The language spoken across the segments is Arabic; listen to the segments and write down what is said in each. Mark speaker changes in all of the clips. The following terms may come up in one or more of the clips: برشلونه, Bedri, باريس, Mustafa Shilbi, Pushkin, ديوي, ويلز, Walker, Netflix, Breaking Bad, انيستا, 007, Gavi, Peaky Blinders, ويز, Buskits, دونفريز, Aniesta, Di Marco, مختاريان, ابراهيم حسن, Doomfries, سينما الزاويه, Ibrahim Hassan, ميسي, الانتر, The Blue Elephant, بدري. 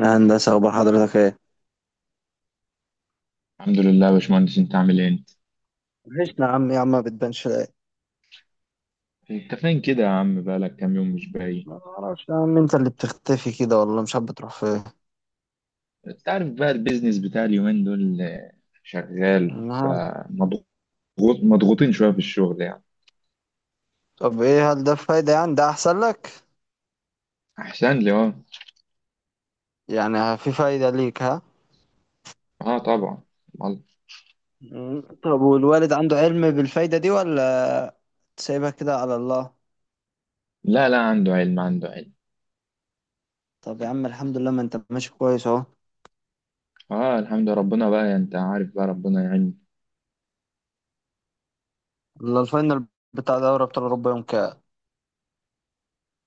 Speaker 1: يا هندسة، أخبار حضرتك إيه؟
Speaker 2: الحمد لله يا باشمهندس، انت عامل ايه؟ انت
Speaker 1: وحشنا يا عم يا عم، ما بتبانش. لا،
Speaker 2: انت فين كده يا عم؟ بقالك كام يوم مش باين.
Speaker 1: ما اعرفش يا عم، انت اللي بتختفي كده، والله مش عارف بتروح فين.
Speaker 2: انت عارف بقى، البيزنس بتاع اليومين دول شغال
Speaker 1: أنا عارف.
Speaker 2: فمضغوط. مضغوطين شويه في الشغل يعني.
Speaker 1: طب ايه، هل ده فايدة؟ يعني ده احسن لك؟
Speaker 2: احسن لي اه.
Speaker 1: يعني في فايدة ليك، ها؟
Speaker 2: اه طبعا. والله.
Speaker 1: مم. طب والوالد عنده علم بالفايدة دي ولا سايبها كده على الله؟
Speaker 2: لا لا، عنده علم عنده علم.
Speaker 1: طب يا عم الحمد لله، ما انت ماشي كويس اهو.
Speaker 2: اه الحمد لله، ربنا بقى انت عارف بقى، ربنا يعين.
Speaker 1: الا، الفاينل بتاع دوري ابطال اوروبا يوم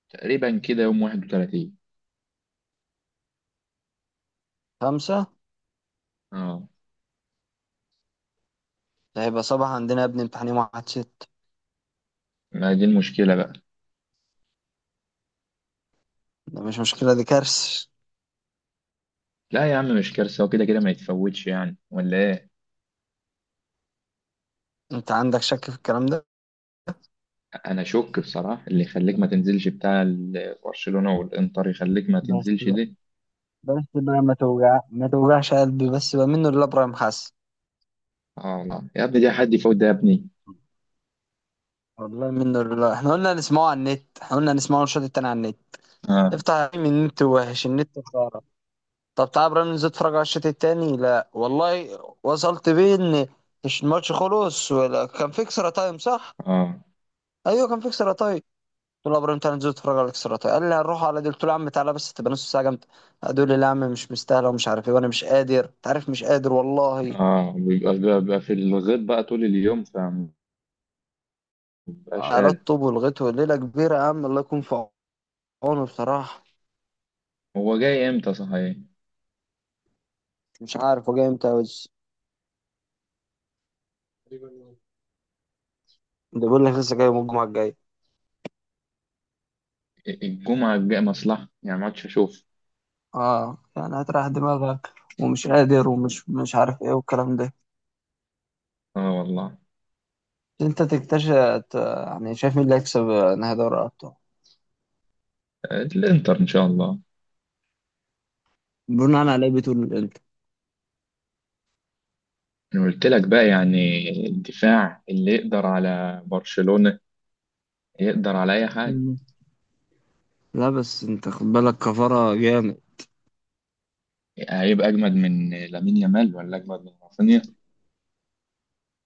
Speaker 2: تقريبا كده يوم 31.
Speaker 1: خمسة،
Speaker 2: اه.
Speaker 1: ده هيبقى صباح عندنا يا ابني، امتحان يوم واحد ست.
Speaker 2: ما دي المشكله بقى.
Speaker 1: ده مش مشكلة، دي كارثة.
Speaker 2: لا يا عم مش كارثه، وكده كده ما يتفوتش يعني، ولا ايه؟
Speaker 1: انت عندك شك في الكلام ده؟
Speaker 2: انا شك بصراحه، اللي يخليك ما تنزلش بتاع برشلونه والانتر يخليك ما
Speaker 1: بس
Speaker 2: تنزلش دي.
Speaker 1: بس بقى، ما توجعش قلبي بس بقى، منه لله ابراهيم حسن.
Speaker 2: اه لا يا ابني، دي حد يفوت ده يا ابني؟
Speaker 1: والله منه لله، احنا قلنا نسمعه على النت، احنا قلنا نسمعه الشوط التاني على النت.
Speaker 2: اه.
Speaker 1: افتح يا حبيبي النت، وحش النت، خرا. طب تعال يا ابراهيم ننزل نتفرج على الشوط التاني، لا والله وصلت بيه ان مش الماتش خلص ولا كان في اكسترا تايم، صح؟
Speaker 2: اه.
Speaker 1: ايوه كان في اكسترا تايم. قلت له يا ابراهيم تعالى ننزل نتفرج على الاكسترا تايم، قال لي هنروح على دي، قلت له يا عم تعالى بس، تبقى نص ساعه جامده. هتقول لي لا يا عم مش مستاهله ومش عارف ايه، وانا مش قادر انت عارف، مش قادر والله.
Speaker 2: اه بيبقى في الغيط بقى طول اليوم فمبقاش
Speaker 1: على
Speaker 2: قادر.
Speaker 1: الطوب، ولغته ليلة كبيرة يا عم، الله يكون في عونه بصراحة.
Speaker 2: هو جاي امتى صحيح؟
Speaker 1: مش عارف هو جاي امتى بس. ده بيقول لك لسه جاي يوم الجمعة الجاية.
Speaker 2: الجمعه الجايه مصلحه يعني، ما عادش اشوف.
Speaker 1: اه، يعني هتريح دماغك، ومش قادر ومش مش عارف ايه والكلام ده.
Speaker 2: اه والله.
Speaker 1: انت تكتشف، يعني شايف مين اللي هيكسب نهائي دوري الابطال؟
Speaker 2: الانتر ان شاء الله.
Speaker 1: بناء على ايه بتقول الانتر؟
Speaker 2: انا قلت لك بقى، يعني الدفاع اللي يقدر على برشلونه يقدر على اي حاجه.
Speaker 1: مم. لا بس انت خد بالك، كفارة جامد.
Speaker 2: هيبقى اجمد من لامين يامال ولا اجمد من رافينيا؟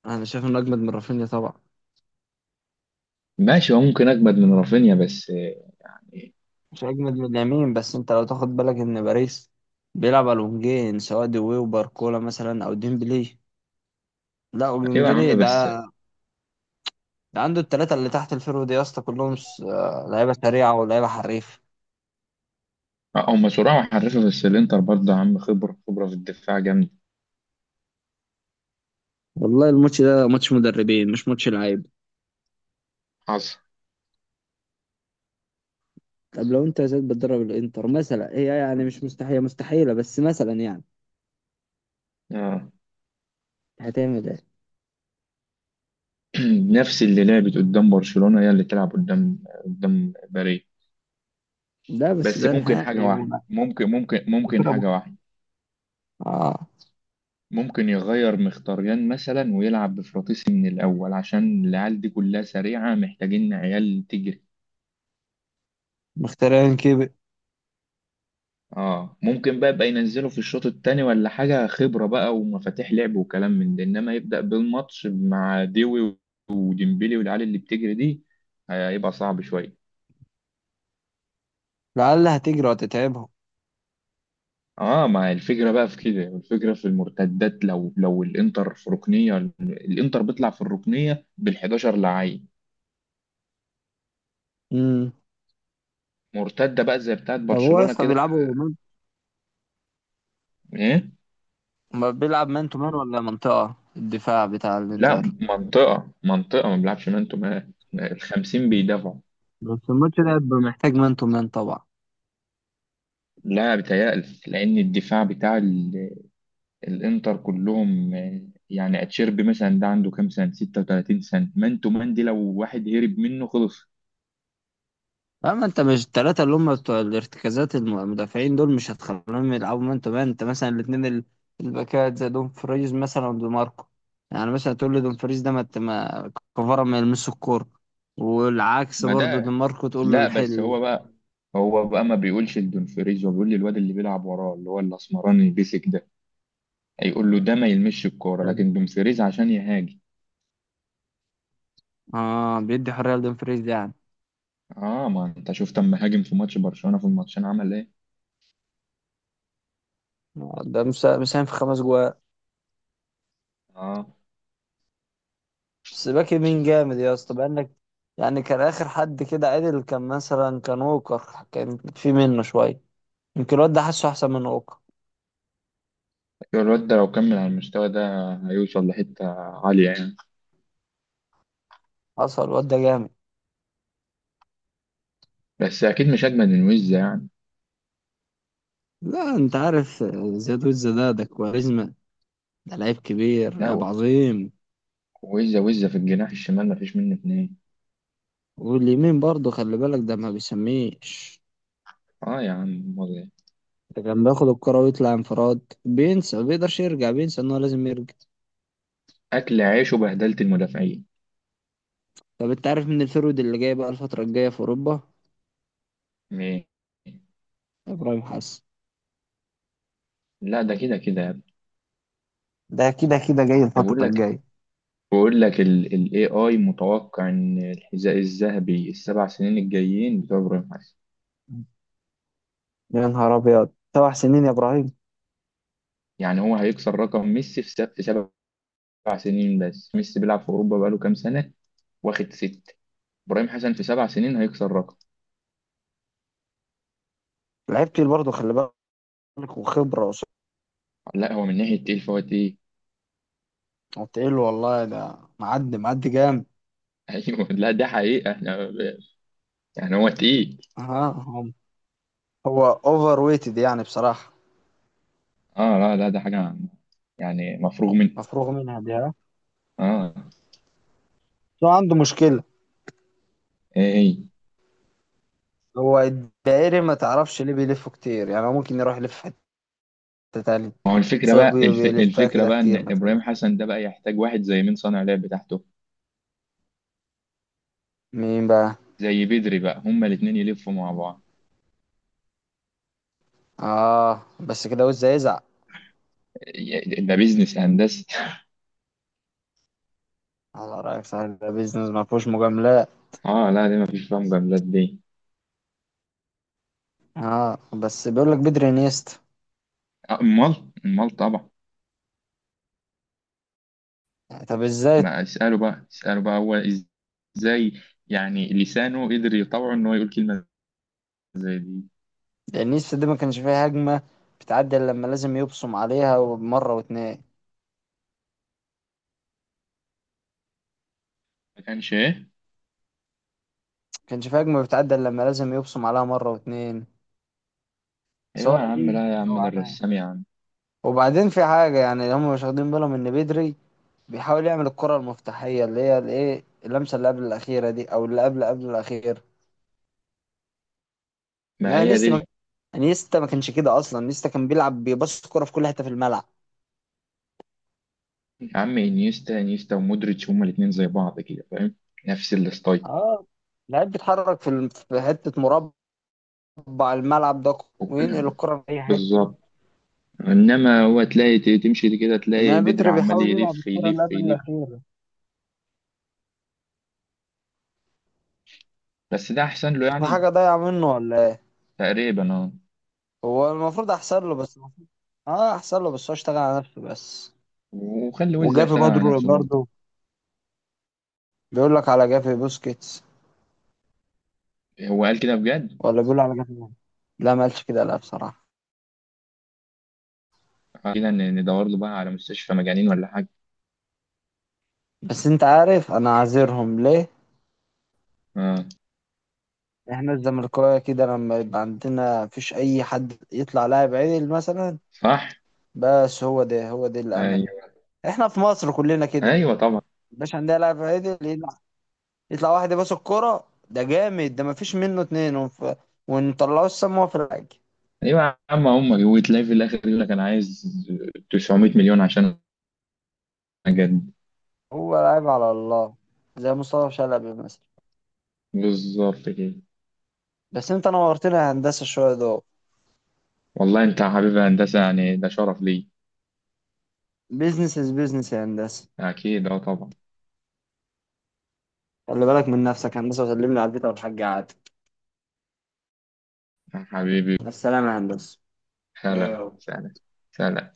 Speaker 1: انا شايف انه اجمد من رافينيا طبعا.
Speaker 2: ماشي، هو ممكن اجمد من رافينيا بس يعني.
Speaker 1: مش اجمد من اليمين، بس انت لو تاخد بالك ان باريس بيلعب على الونجين، سواء دوي وباركولا مثلا او ديمبلي، لا
Speaker 2: ايوه يا عم
Speaker 1: وجونجيني ده،
Speaker 2: بس.
Speaker 1: ده عنده التلاتة اللي تحت الفيرو دي يا اسطى، كلهم لعيبة سريعة ولعيبة حريف.
Speaker 2: هم سرعه وحرفه، بس الانتر برضه يا عم خبره خبره في الدفاع جامده.
Speaker 1: والله الماتش ده ماتش مدربين، مش ماتش لعيب.
Speaker 2: حصل.
Speaker 1: طب لو انت يا زيد بتدرب الانتر مثلا، هي يعني مش مستحيله مستحيله بس، مثلا يعني،
Speaker 2: آه.
Speaker 1: هتعمل ايه؟
Speaker 2: نفس اللي لعبت قدام برشلونه هي اللي تلعب قدام باريس.
Speaker 1: ده بس ده
Speaker 2: بس ممكن حاجه
Speaker 1: نهائي،
Speaker 2: واحده، ممكن
Speaker 1: وفرقه
Speaker 2: حاجه واحده.
Speaker 1: اه،
Speaker 2: ممكن يغير مختاريان مثلا ويلعب بفراطيسي من الاول عشان العيال دي كلها سريعه، محتاجين عيال تجري.
Speaker 1: مخترعين كيبي.
Speaker 2: اه ممكن بقى يبقى ينزله في الشوط التاني ولا حاجة، خبرة بقى ومفاتيح لعب وكلام من ده، انما يبدأ بالماتش مع ديوي وديمبلي والعيال اللي بتجري دي هيبقى صعب شوية.
Speaker 1: لعل هتجري وتتعبهم.
Speaker 2: اه ما الفكرة بقى في كده، والفكرة في المرتدات، لو الانتر في ركنية الانتر بيطلع في الركنية بال11 لعيب.
Speaker 1: امم.
Speaker 2: مرتدة بقى زي بتاعت
Speaker 1: طب هو يا
Speaker 2: برشلونة
Speaker 1: اسطى
Speaker 2: كده.
Speaker 1: بيلعبوا
Speaker 2: ايه.
Speaker 1: ما بيلعب مان تو مان ولا منطقة الدفاع بتاع
Speaker 2: لا.
Speaker 1: الانتر؟
Speaker 2: منطقة، ما بيلعبش مان تو مان، الخمسين بيدافعوا.
Speaker 1: بس الماتش ده هيبقى محتاج مان تو مان طبعا.
Speaker 2: لا بيتهيألي، لأن الدفاع بتاع الانتر كلهم يعني اتشيربي مثلا ده عنده كام سنه، 36 سنه، مانتو مان دي لو واحد هرب منه خلص.
Speaker 1: اما انت مش الثلاثه اللي هم بتوع الارتكازات، المدافعين دول مش هتخليهم يلعبوا مان تو مان، انت مثلا الاثنين الباكات زي دومفريز مثلا ودي ماركو، يعني مثلا تقول لي دومفريز ده ما كفاره ما يلمسش الكوره، والعكس
Speaker 2: ما
Speaker 1: برضو دي
Speaker 2: ده.
Speaker 1: ماركو تقول له
Speaker 2: لا بس
Speaker 1: الحلو.
Speaker 2: هو بقى ما بيقولش لدونفريز، هو بيقول للواد اللي بيلعب وراه اللي هو الاسمراني البيسك ده، هيقول له ده ما يلمش الكوره، لكن دونفريز عشان يهاجم.
Speaker 1: اه، بيدي حريه لدومفريز ده يعني.
Speaker 2: اه ما انت شفت اما هاجم في ماتش برشلونه في الماتشين عمل ايه.
Speaker 1: ده مساهم في 5 جوان.
Speaker 2: اه.
Speaker 1: بس باك يمين جامد يا اسطى، بانك. يعني كان اخر حد كده عدل كان، مثلا كان ووكر كان في منه شويه، يمكن الواد ده حاسه احسن من ووكر.
Speaker 2: الواد ده لو كمل على المستوى ده هيوصل لحته عاليه يعني.
Speaker 1: حصل، الواد ده جامد.
Speaker 2: بس اكيد مش اجمد من ويز يعني.
Speaker 1: لا انت عارف، زياد وزة ده كواريزما، ده لعيب كبير، لعيب
Speaker 2: لا.
Speaker 1: عظيم.
Speaker 2: وزة وزة في الجناح الشمال مفيش منه اتنين.
Speaker 1: واليمين برضه خلي بالك، ده ما بيسميش.
Speaker 2: اه يا عم، امال إيه؟
Speaker 1: ده كان بياخد الكرة ويطلع انفراد، بينسى، ما بيقدرش يرجع، بينسى ان هو لازم يرجع.
Speaker 2: اكل عيش وبهدلت المدافعين.
Speaker 1: طب انت عارف من الفرود اللي جاي بقى الفترة الجاية في اوروبا؟
Speaker 2: إيه؟
Speaker 1: ابراهيم حسن.
Speaker 2: لا ده كده كده يا ابني.
Speaker 1: ده كده كده جاي
Speaker 2: طب
Speaker 1: الفترة
Speaker 2: بقول لك
Speaker 1: الجاية.
Speaker 2: بقول لك ال AI متوقع ان الحذاء الذهبي ال7 سنين الجايين بتوع ابراهيم حسن.
Speaker 1: يا نهار ابيض، 7 سنين يا ابراهيم؟
Speaker 2: يعني هو هيكسر رقم ميسي في في 7 سنين، بس ميسي بيلعب في اوروبا بقاله كام سنة، واخد 6. ابراهيم حسن في 7 سنين هيكسر رقم.
Speaker 1: لعيب تقيل برضه، خلي بالك، وخبرة،
Speaker 2: لا هو من ناحية تقيل فهو تقيل.
Speaker 1: وتقيل والله، ده معدي معدي جامد.
Speaker 2: ايوه لا ده حقيقة احنا، يعني هو تقيل.
Speaker 1: ها هو. هو اوفر ويتد يعني بصراحة،
Speaker 2: اه لا لا، ده حاجة يعني مفروغ من.
Speaker 1: مفروغ منها دي، ها؟
Speaker 2: اه.
Speaker 1: شو عنده مشكلة؟
Speaker 2: ايه ايه.
Speaker 1: هو الدائري، ما تعرفش ليه بيلفه كتير؟ يعني هو ممكن يروح يلف في حتة تانية.
Speaker 2: ما هو الفكرة
Speaker 1: بس هو
Speaker 2: بقى
Speaker 1: بيلفها
Speaker 2: الفكرة
Speaker 1: كده
Speaker 2: بقى ان
Speaker 1: كتير، ما تفهمش
Speaker 2: ابراهيم حسن ده بقى يحتاج واحد زي مين؟ صانع لعب بتاعته
Speaker 1: مين بقى.
Speaker 2: زي بدري بقى، هما الاتنين يلفوا مع بعض.
Speaker 1: اه بس كده، وز يزعق.
Speaker 2: ده بيزنس هندسي.
Speaker 1: على رأيك، صحيح، ده بيزنس ما فيهوش مجاملات.
Speaker 2: اه لا دي مفيش فيهم جملات دي.
Speaker 1: اه، بس بيقول لك بدري انيستا!
Speaker 2: امال امال طبعا.
Speaker 1: يعني طب ازاي؟
Speaker 2: ما اسأله بقى اسأله بقى، هو ازاي يعني لسانه قدر يطوعه ان هو يقول كلمة زي دي؟
Speaker 1: انيستا دي ما كانش فيها هجمة بتعدي إلا لما لازم يبصم عليها مرة واتنين، ما
Speaker 2: ما كانش ايه.
Speaker 1: كانش فيها هجمة بتعدي إلا لما لازم يبصم عليها مرة واتنين،
Speaker 2: ايوه يا
Speaker 1: سواء
Speaker 2: عم،
Speaker 1: ليه
Speaker 2: لا يا عم
Speaker 1: أو
Speaker 2: ده
Speaker 1: على.
Speaker 2: الرسام يا عم.
Speaker 1: وبعدين في حاجة يعني، هم مش واخدين بالهم إن بدري بيحاول يعمل الكرة المفتاحية، اللي هي الإيه، اللمسة اللي قبل الأخيرة دي، أو اللي قبل قبل الأخير.
Speaker 2: ما
Speaker 1: إنما
Speaker 2: هي
Speaker 1: نيستا ما
Speaker 2: دي.
Speaker 1: نيستا ما كانش كده أصلا، نيستا كان بيلعب بيبص الكرة في كل حتة في الملعب.
Speaker 2: يا عم انيستا انيستا ومودريتش هما الاتنين زي بعض كده فاهم، نفس الستايل.
Speaker 1: اه. لعيب بيتحرك في حتة مربع الملعب ده، وينقل
Speaker 2: وكل.
Speaker 1: الكرة في أي حتة.
Speaker 2: بالظبط. انما هو تلاقي تمشي كده تلاقي
Speaker 1: إنما
Speaker 2: بدر
Speaker 1: بدري
Speaker 2: عمال
Speaker 1: بيحاول يلعب
Speaker 2: يلف
Speaker 1: الكرة اللي
Speaker 2: يلف
Speaker 1: قبل
Speaker 2: يلف.
Speaker 1: الأخيرة،
Speaker 2: بس ده احسن له
Speaker 1: في
Speaker 2: يعني.
Speaker 1: حاجة ضايعة منه ولا إيه؟
Speaker 2: تقريبا اه.
Speaker 1: هو المفروض أحسن له بس. اه أحسن له بس، هو اشتغل على نفسه بس.
Speaker 2: وخلي ويلز
Speaker 1: وجافي
Speaker 2: يشتغل
Speaker 1: برضه
Speaker 2: على نفسه برضه.
Speaker 1: برضه. بيقول لك على جافي بوسكيتس؟
Speaker 2: هو قال كده بجد؟
Speaker 1: ولا بيقول على جافي مين؟ لا ما قالش كده، لا بصراحة.
Speaker 2: قال كده، ندور له بقى على مستشفى مجانين ولا حاجه.
Speaker 1: بس انت عارف انا عاذرهم ليه؟
Speaker 2: اه.
Speaker 1: احنا الزملكاويه كده، لما يبقى عندنا مفيش اي حد يطلع لاعب عدل مثلا،
Speaker 2: صح.
Speaker 1: بس هو ده هو ده الامل.
Speaker 2: ايوه.
Speaker 1: احنا في مصر كلنا كده،
Speaker 2: ايوه طبعا.
Speaker 1: مش عندنا لاعب عدل يطلع، يطلع واحد يباص الكرة ده جامد ده مفيش منه اتنين، ونطلعوه السما في الحاج.
Speaker 2: ايوه يا عم، هم وتلاقي في الاخر يقول لك انا عايز 900 مليون عشان اجدد.
Speaker 1: هو لاعب على الله، زي مصطفى شلبي مثلا.
Speaker 2: بالظبط كده.
Speaker 1: بس انت نورتنا يا هندسة، شوية دول.
Speaker 2: والله انت يا حبيبي هندسة، يعني ده شرف لي.
Speaker 1: بيزنس از بيزنس يا هندسة.
Speaker 2: اكيد اه طبعا.
Speaker 1: خلي بالك من نفسك يا هندسة، وسلم لي على البيت أو الحاج قعد.
Speaker 2: يا حبيبي.
Speaker 1: السلام يا هندسة.
Speaker 2: خالة
Speaker 1: واو.
Speaker 2: سلام. سلام.